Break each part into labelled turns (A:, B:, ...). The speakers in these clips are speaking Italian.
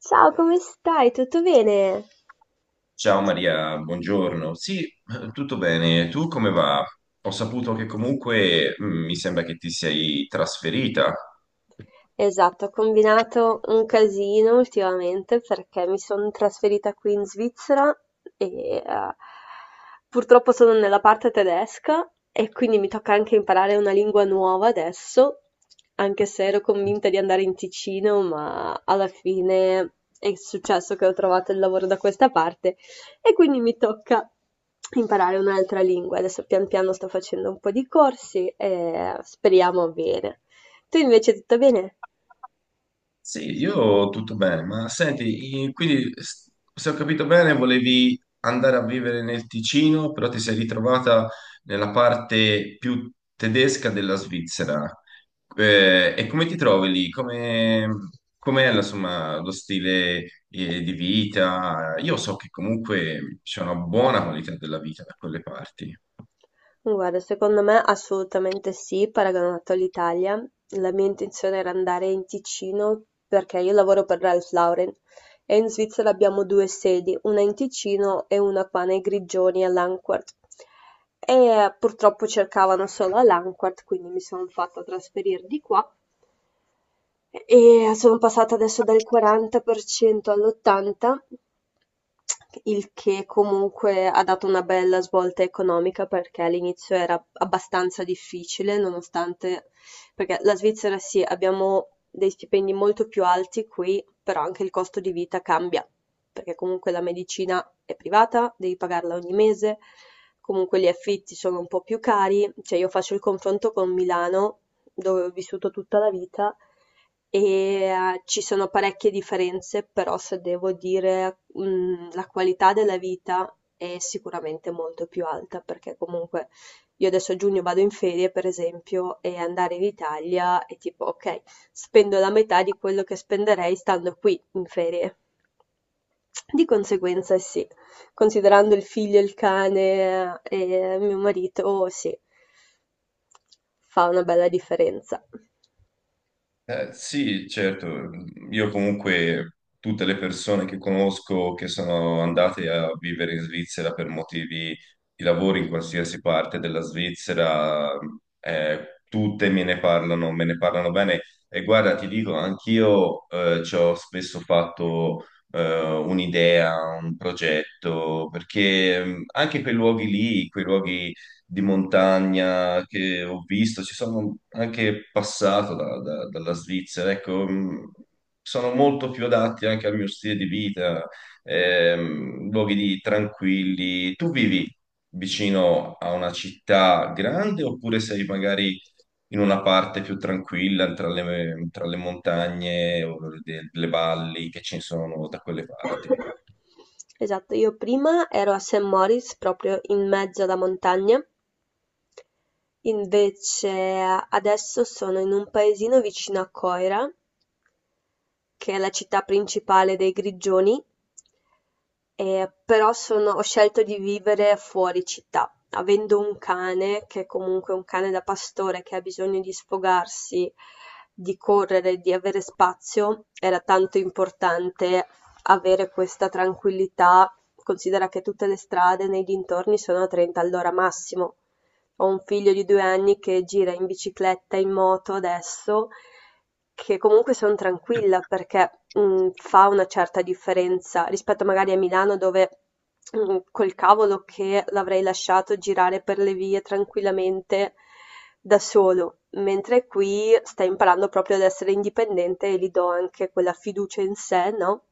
A: Ciao come stai, tutto bene?
B: Ciao Maria, buongiorno. Sì, tutto bene. Tu come va? Ho saputo che comunque, mi sembra che ti sei trasferita.
A: Esatto, ho combinato un casino ultimamente perché mi sono trasferita qui in Svizzera e eh, purtroppo sono nella parte tedesca e quindi mi tocca anche imparare una lingua nuova adesso, anche se ero convinta di andare in Ticino, ma alla fine è successo che ho trovato il lavoro da questa parte e quindi mi tocca imparare un'altra lingua. Adesso pian piano sto facendo un po' di corsi e speriamo bene. Tu invece tutto bene?
B: Sì, io tutto bene, ma senti, se ho capito bene, volevi andare a vivere nel Ticino, però ti sei ritrovata nella parte più tedesca della Svizzera. E come ti trovi lì? Com'è, insomma, lo stile, di vita? Io so che comunque c'è una buona qualità della vita da quelle parti.
A: Guarda, secondo me assolutamente sì, paragonato all'Italia. La mia intenzione era andare in Ticino perché io lavoro per Ralph Lauren e in Svizzera abbiamo due sedi, una in Ticino e una qua nei Grigioni a Langquart. E purtroppo cercavano solo a Langquart, quindi mi sono fatta trasferire di qua. E sono passata adesso dal 40% all'80, il che comunque ha dato una bella svolta economica perché all'inizio era abbastanza difficile, nonostante, perché la Svizzera sì, abbiamo dei stipendi molto più alti qui, però anche il costo di vita cambia, perché comunque la medicina è privata, devi pagarla ogni mese, comunque gli affitti sono un po' più cari, cioè io faccio il confronto con Milano dove ho vissuto tutta la vita e ci sono parecchie differenze, però se devo dire, la qualità della vita è sicuramente molto più alta, perché comunque io adesso a giugno vado in ferie, per esempio, e andare in Italia è tipo, ok, spendo la metà di quello che spenderei stando qui in ferie. Di conseguenza, sì, considerando il figlio, il cane e mio marito, sì, fa una bella differenza.
B: Sì, certo, io comunque tutte le persone che conosco che sono andate a vivere in Svizzera per motivi di lavoro in qualsiasi parte della Svizzera, tutte me ne parlano bene. E guarda, ti dico, anch'io ci ho spesso fatto un'idea, un progetto, perché anche quei luoghi di montagna che ho visto, ci sono anche passato dalla Svizzera, ecco, sono molto più adatti anche al mio stile di vita, tranquilli. Tu vivi vicino a una città grande oppure sei magari in una parte più tranquilla tra le montagne o le valli che ci sono da quelle parti?
A: Esatto, io prima ero a St. Moritz, proprio in mezzo alla montagna, invece adesso sono in un paesino vicino a Coira che è la città principale dei Grigioni, però ho scelto di vivere fuori città, avendo un cane, che è comunque un cane da pastore che ha bisogno di sfogarsi, di correre, di avere spazio, era tanto importante avere questa tranquillità. Considera che tutte le strade nei dintorni sono a 30 all'ora massimo. Ho un figlio di 2 anni che gira in bicicletta, in moto adesso, che comunque son tranquilla perché, mhmm, fa una certa differenza rispetto magari a Milano dove, mhmm, col cavolo che l'avrei lasciato girare per le vie tranquillamente da solo, mentre qui sta imparando proprio ad essere indipendente e gli do anche quella fiducia in sé, no,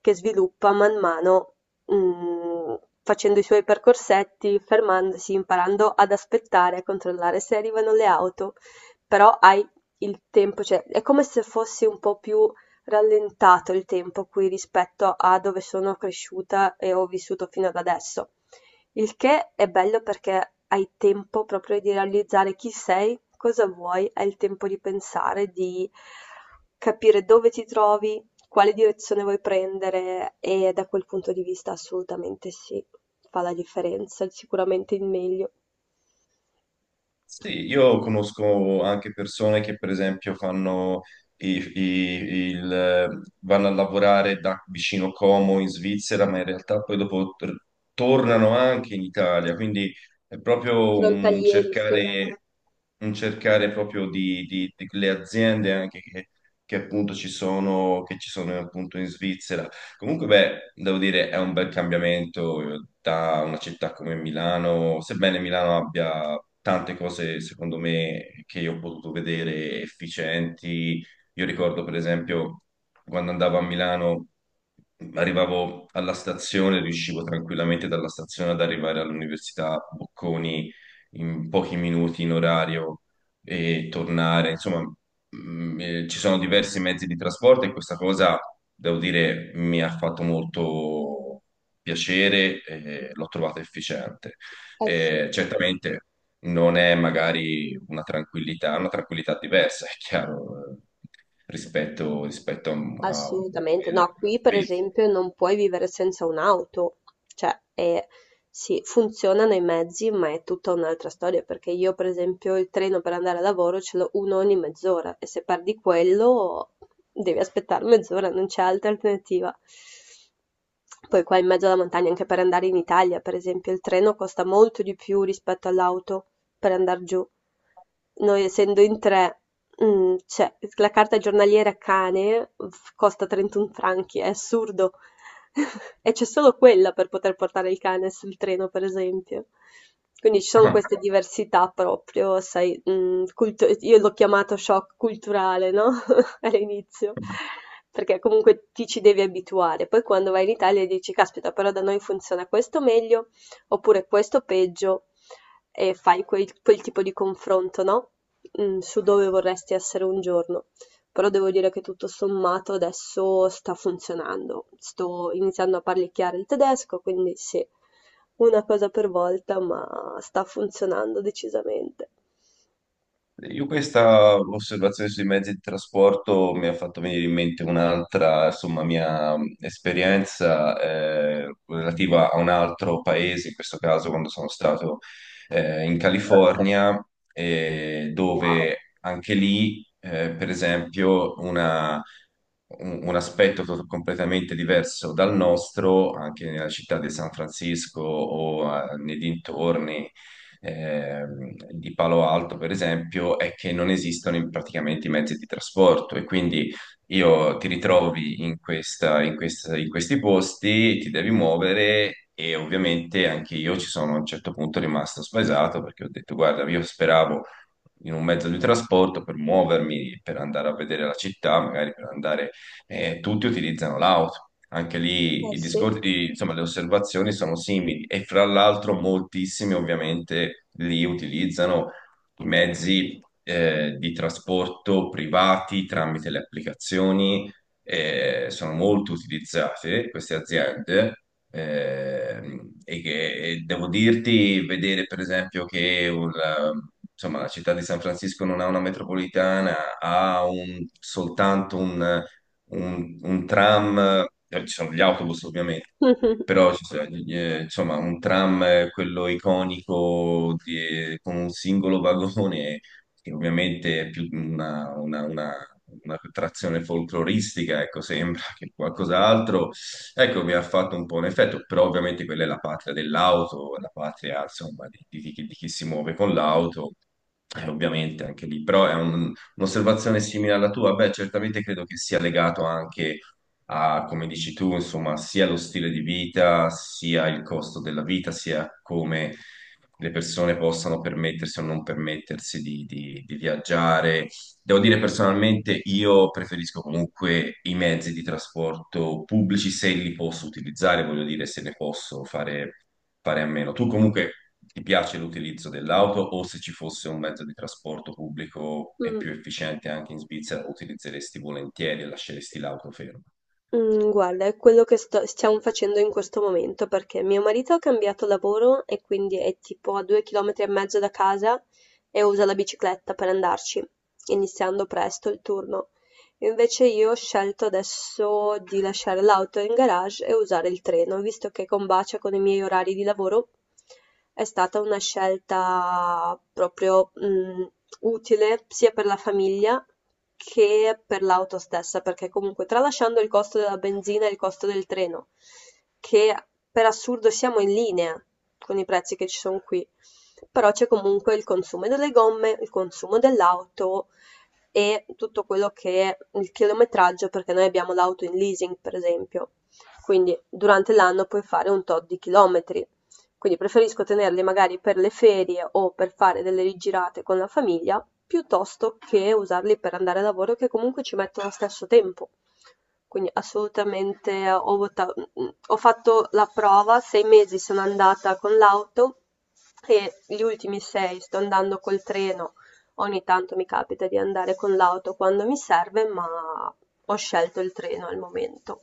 A: che sviluppa man mano mm, facendo i suoi percorsetti, fermandosi, imparando ad aspettare, a controllare se arrivano le auto, però hai il tempo, cioè è come se fosse un po' più rallentato il tempo qui rispetto a dove sono cresciuta e ho vissuto fino ad adesso. Il che è bello perché hai tempo proprio di realizzare chi sei, cosa vuoi, hai il tempo di pensare, di capire dove ti trovi, quale direzione vuoi prendere? E da quel punto di vista assolutamente sì, fa la differenza, sicuramente il meglio.
B: Sì, io conosco anche persone che per esempio fanno vanno a lavorare da vicino Como in Svizzera, ma in realtà poi dopo tornano anche in Italia, quindi è proprio
A: Frontalieri sì, eh
B: un cercare proprio di, le aziende anche che appunto ci sono, che ci sono appunto in Svizzera. Comunque, beh, devo dire, è un bel cambiamento da una città come Milano, sebbene Milano abbia tante cose, secondo me, che io ho potuto vedere efficienti. Io ricordo, per esempio, quando andavo a Milano, arrivavo alla stazione, riuscivo tranquillamente dalla stazione ad arrivare all'Università Bocconi in pochi minuti in orario e tornare, insomma. Mm, ci sono diversi mezzi di trasporto e questa cosa, devo dire, mi ha fatto molto piacere e l'ho trovata efficiente.
A: sì.
B: Certamente non è magari una tranquillità diversa, è chiaro, rispetto a un
A: Assolutamente,
B: paese.
A: no, qui per esempio non puoi vivere senza un'auto, cioè è sì, funzionano i mezzi, ma è tutta un'altra storia, perché io per esempio il treno per andare a lavoro ce l'ho uno ogni mezz'ora e se perdi quello devi aspettare mezz'ora, non c'è altra alternativa. Poi qua in mezzo alla montagna, anche per andare in Italia, per esempio, il treno costa molto di più rispetto all'auto per andar giù. Noi essendo in tre, mhmm, cioè la carta giornaliera costa 31 franchi, è assurdo. E c'è solo quella per poter portare il cane sul treno, per esempio. Quindi ci sono queste diversità proprio, sai, io l'ho chiamato shock culturale, no? All'inizio, perché comunque ti ci devi abituare. Poi quando vai in Italia dici, caspita, però da noi funziona questo meglio, oppure questo peggio e fai quel, quel tipo di confronto, no? Su dove vorresti essere un giorno. Però devo dire che tutto sommato adesso sta funzionando. Sto iniziando a parlicchiare il tedesco, quindi sì, una cosa per volta, ma sta funzionando decisamente.
B: Io questa osservazione sui mezzi di trasporto mi ha fatto venire in mente un'altra, insomma, mia esperienza relativa a un altro paese, in questo caso quando sono stato in California,
A: Wow,
B: dove anche lì, per esempio, un aspetto completamente diverso dal nostro, anche nella città di San Francisco o nei dintorni di Palo Alto, per esempio, è che non esistono praticamente i mezzi di trasporto e quindi io ti ritrovi in questi posti, ti devi muovere. E ovviamente anche io ci sono a un certo punto rimasto spaesato perché ho detto, guarda, io speravo in un mezzo di trasporto per muovermi, per andare a vedere la città, magari per andare, tutti utilizzano l'auto. Anche lì
A: eh sì.
B: insomma, le osservazioni sono simili e fra l'altro moltissimi ovviamente li utilizzano i mezzi di trasporto privati tramite le applicazioni, sono molto utilizzate queste aziende e devo dirti, vedere per esempio che insomma, la città di San Francisco non ha una metropolitana, ha soltanto un tram, ci sono gli autobus ovviamente, però ci sono, insomma un tram, quello iconico con un singolo vagone, che ovviamente è più una trazione folcloristica, ecco, sembra che qualcos'altro, ecco, mi ha fatto un po' un effetto, però ovviamente quella è la patria dell'auto, la patria, insomma, di, di chi si muove con l'auto. Ovviamente anche lì, però un'osservazione simile alla tua? Beh, certamente credo che sia legato anche a, come dici tu, insomma, sia lo stile di vita, sia il costo della vita, sia come le persone possano permettersi o non permettersi di, di viaggiare. Devo dire personalmente, io preferisco comunque i mezzi di trasporto pubblici se li posso utilizzare, voglio dire, se ne posso fare a meno. Tu comunque ti piace l'utilizzo dell'auto o se ci fosse un mezzo di trasporto pubblico e più
A: Mm.
B: efficiente anche in Svizzera, utilizzeresti volentieri e lasceresti l'auto ferma?
A: Mhmm, guarda, è quello che sto stiamo facendo in questo momento, perché mio marito ha cambiato lavoro e quindi è tipo a 2 chilometri e mezzo da casa e usa la bicicletta per andarci, iniziando presto il turno. Invece io ho scelto adesso di lasciare l'auto in garage e usare il treno, visto che combacia con i miei orari di lavoro. È stata una scelta proprio, utile sia per la famiglia che per l'auto stessa, perché comunque tralasciando il costo della benzina e il costo del treno, che per assurdo siamo in linea con i prezzi che ci sono qui, però c'è comunque il consumo delle gomme, il consumo dell'auto e tutto quello che è il chilometraggio, perché noi abbiamo l'auto in leasing, per esempio. Quindi durante l'anno puoi fare un tot di chilometri. Quindi preferisco tenerli magari per le ferie o per fare delle rigirate con la famiglia, piuttosto che usarli per andare a lavoro, che comunque ci mettono lo stesso tempo. Quindi assolutamente ho fatto la prova, sei mesi sono andata con l'auto e gli ultimi sei sto andando col treno. Ogni tanto mi capita di andare con l'auto quando mi serve, ma ho scelto il treno al momento.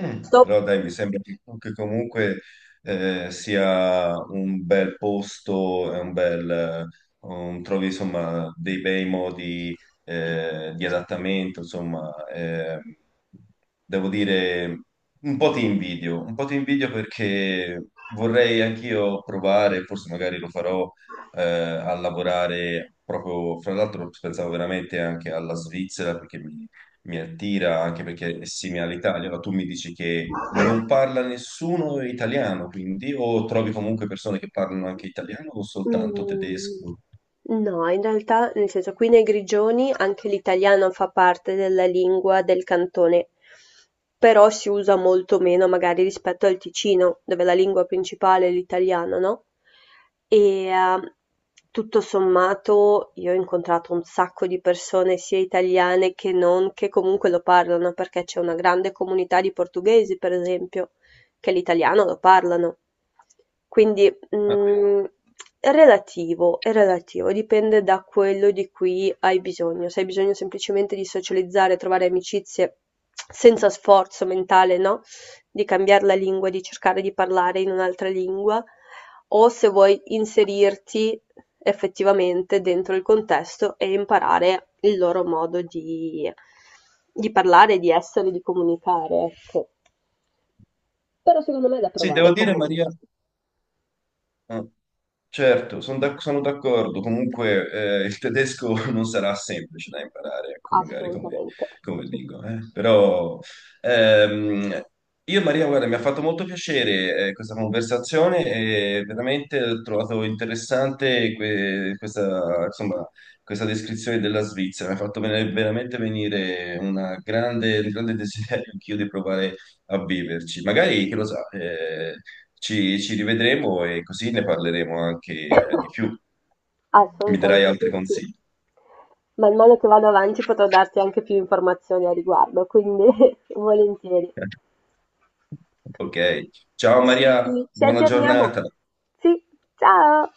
B: Mm.
A: Dop
B: Però dai, mi sembra che comunque sia un bel posto, è un bel, trovi insomma dei bei modi di adattamento, insomma, devo dire un po' ti invidio perché vorrei anch'io provare, forse magari lo farò a lavorare proprio, fra l'altro pensavo veramente anche alla Svizzera perché mi attira anche perché è simile all'Italia, ma tu mi dici che non parla nessuno italiano, quindi o trovi comunque persone che parlano anche italiano o soltanto
A: Mhmm,
B: tedesco?
A: no, in realtà nel senso qui nei Grigioni anche l'italiano fa parte della lingua del cantone, però si usa molto meno magari rispetto al Ticino, dove la lingua principale è l'italiano, no, e, tutto sommato io ho incontrato un sacco di persone sia italiane che non, che comunque lo parlano, perché c'è una grande comunità di portoghesi per esempio, che l'italiano lo parlano. Quindi
B: Ah,
A: Mm, è relativo, dipende da quello di cui hai bisogno. Se hai bisogno semplicemente di socializzare, trovare amicizie senza sforzo mentale, no? Di cambiare la lingua, di cercare di parlare in un'altra lingua, o se vuoi inserirti effettivamente dentro il contesto e imparare il loro modo di parlare, di essere, di comunicare, ecco. Però
B: sì,
A: vale
B: devo dire, Maria,
A: comunque,
B: ah, certo, sono d'accordo. Comunque, il tedesco non sarà semplice da imparare, ecco,
A: assolutamente.
B: come lingua. Eh. Però, ehm, io, Maria, guarda, mi ha fatto molto piacere, questa conversazione e veramente ho trovato interessante questa, insomma, questa descrizione della Svizzera. Mi ha fatto veramente venire un grande desiderio anch'io di provare a viverci. Magari, chi lo sa, ci rivedremo e così ne parleremo anche di più. Mi darai altri
A: Assolutamente sì.
B: consigli.
A: Man mano che vado avanti potrò darti anche più informazioni a riguardo, quindi volentieri.
B: Ok. Ciao
A: Ci,
B: Maria,
A: ci
B: buona
A: aggiorniamo.
B: giornata.
A: Sì, ciao!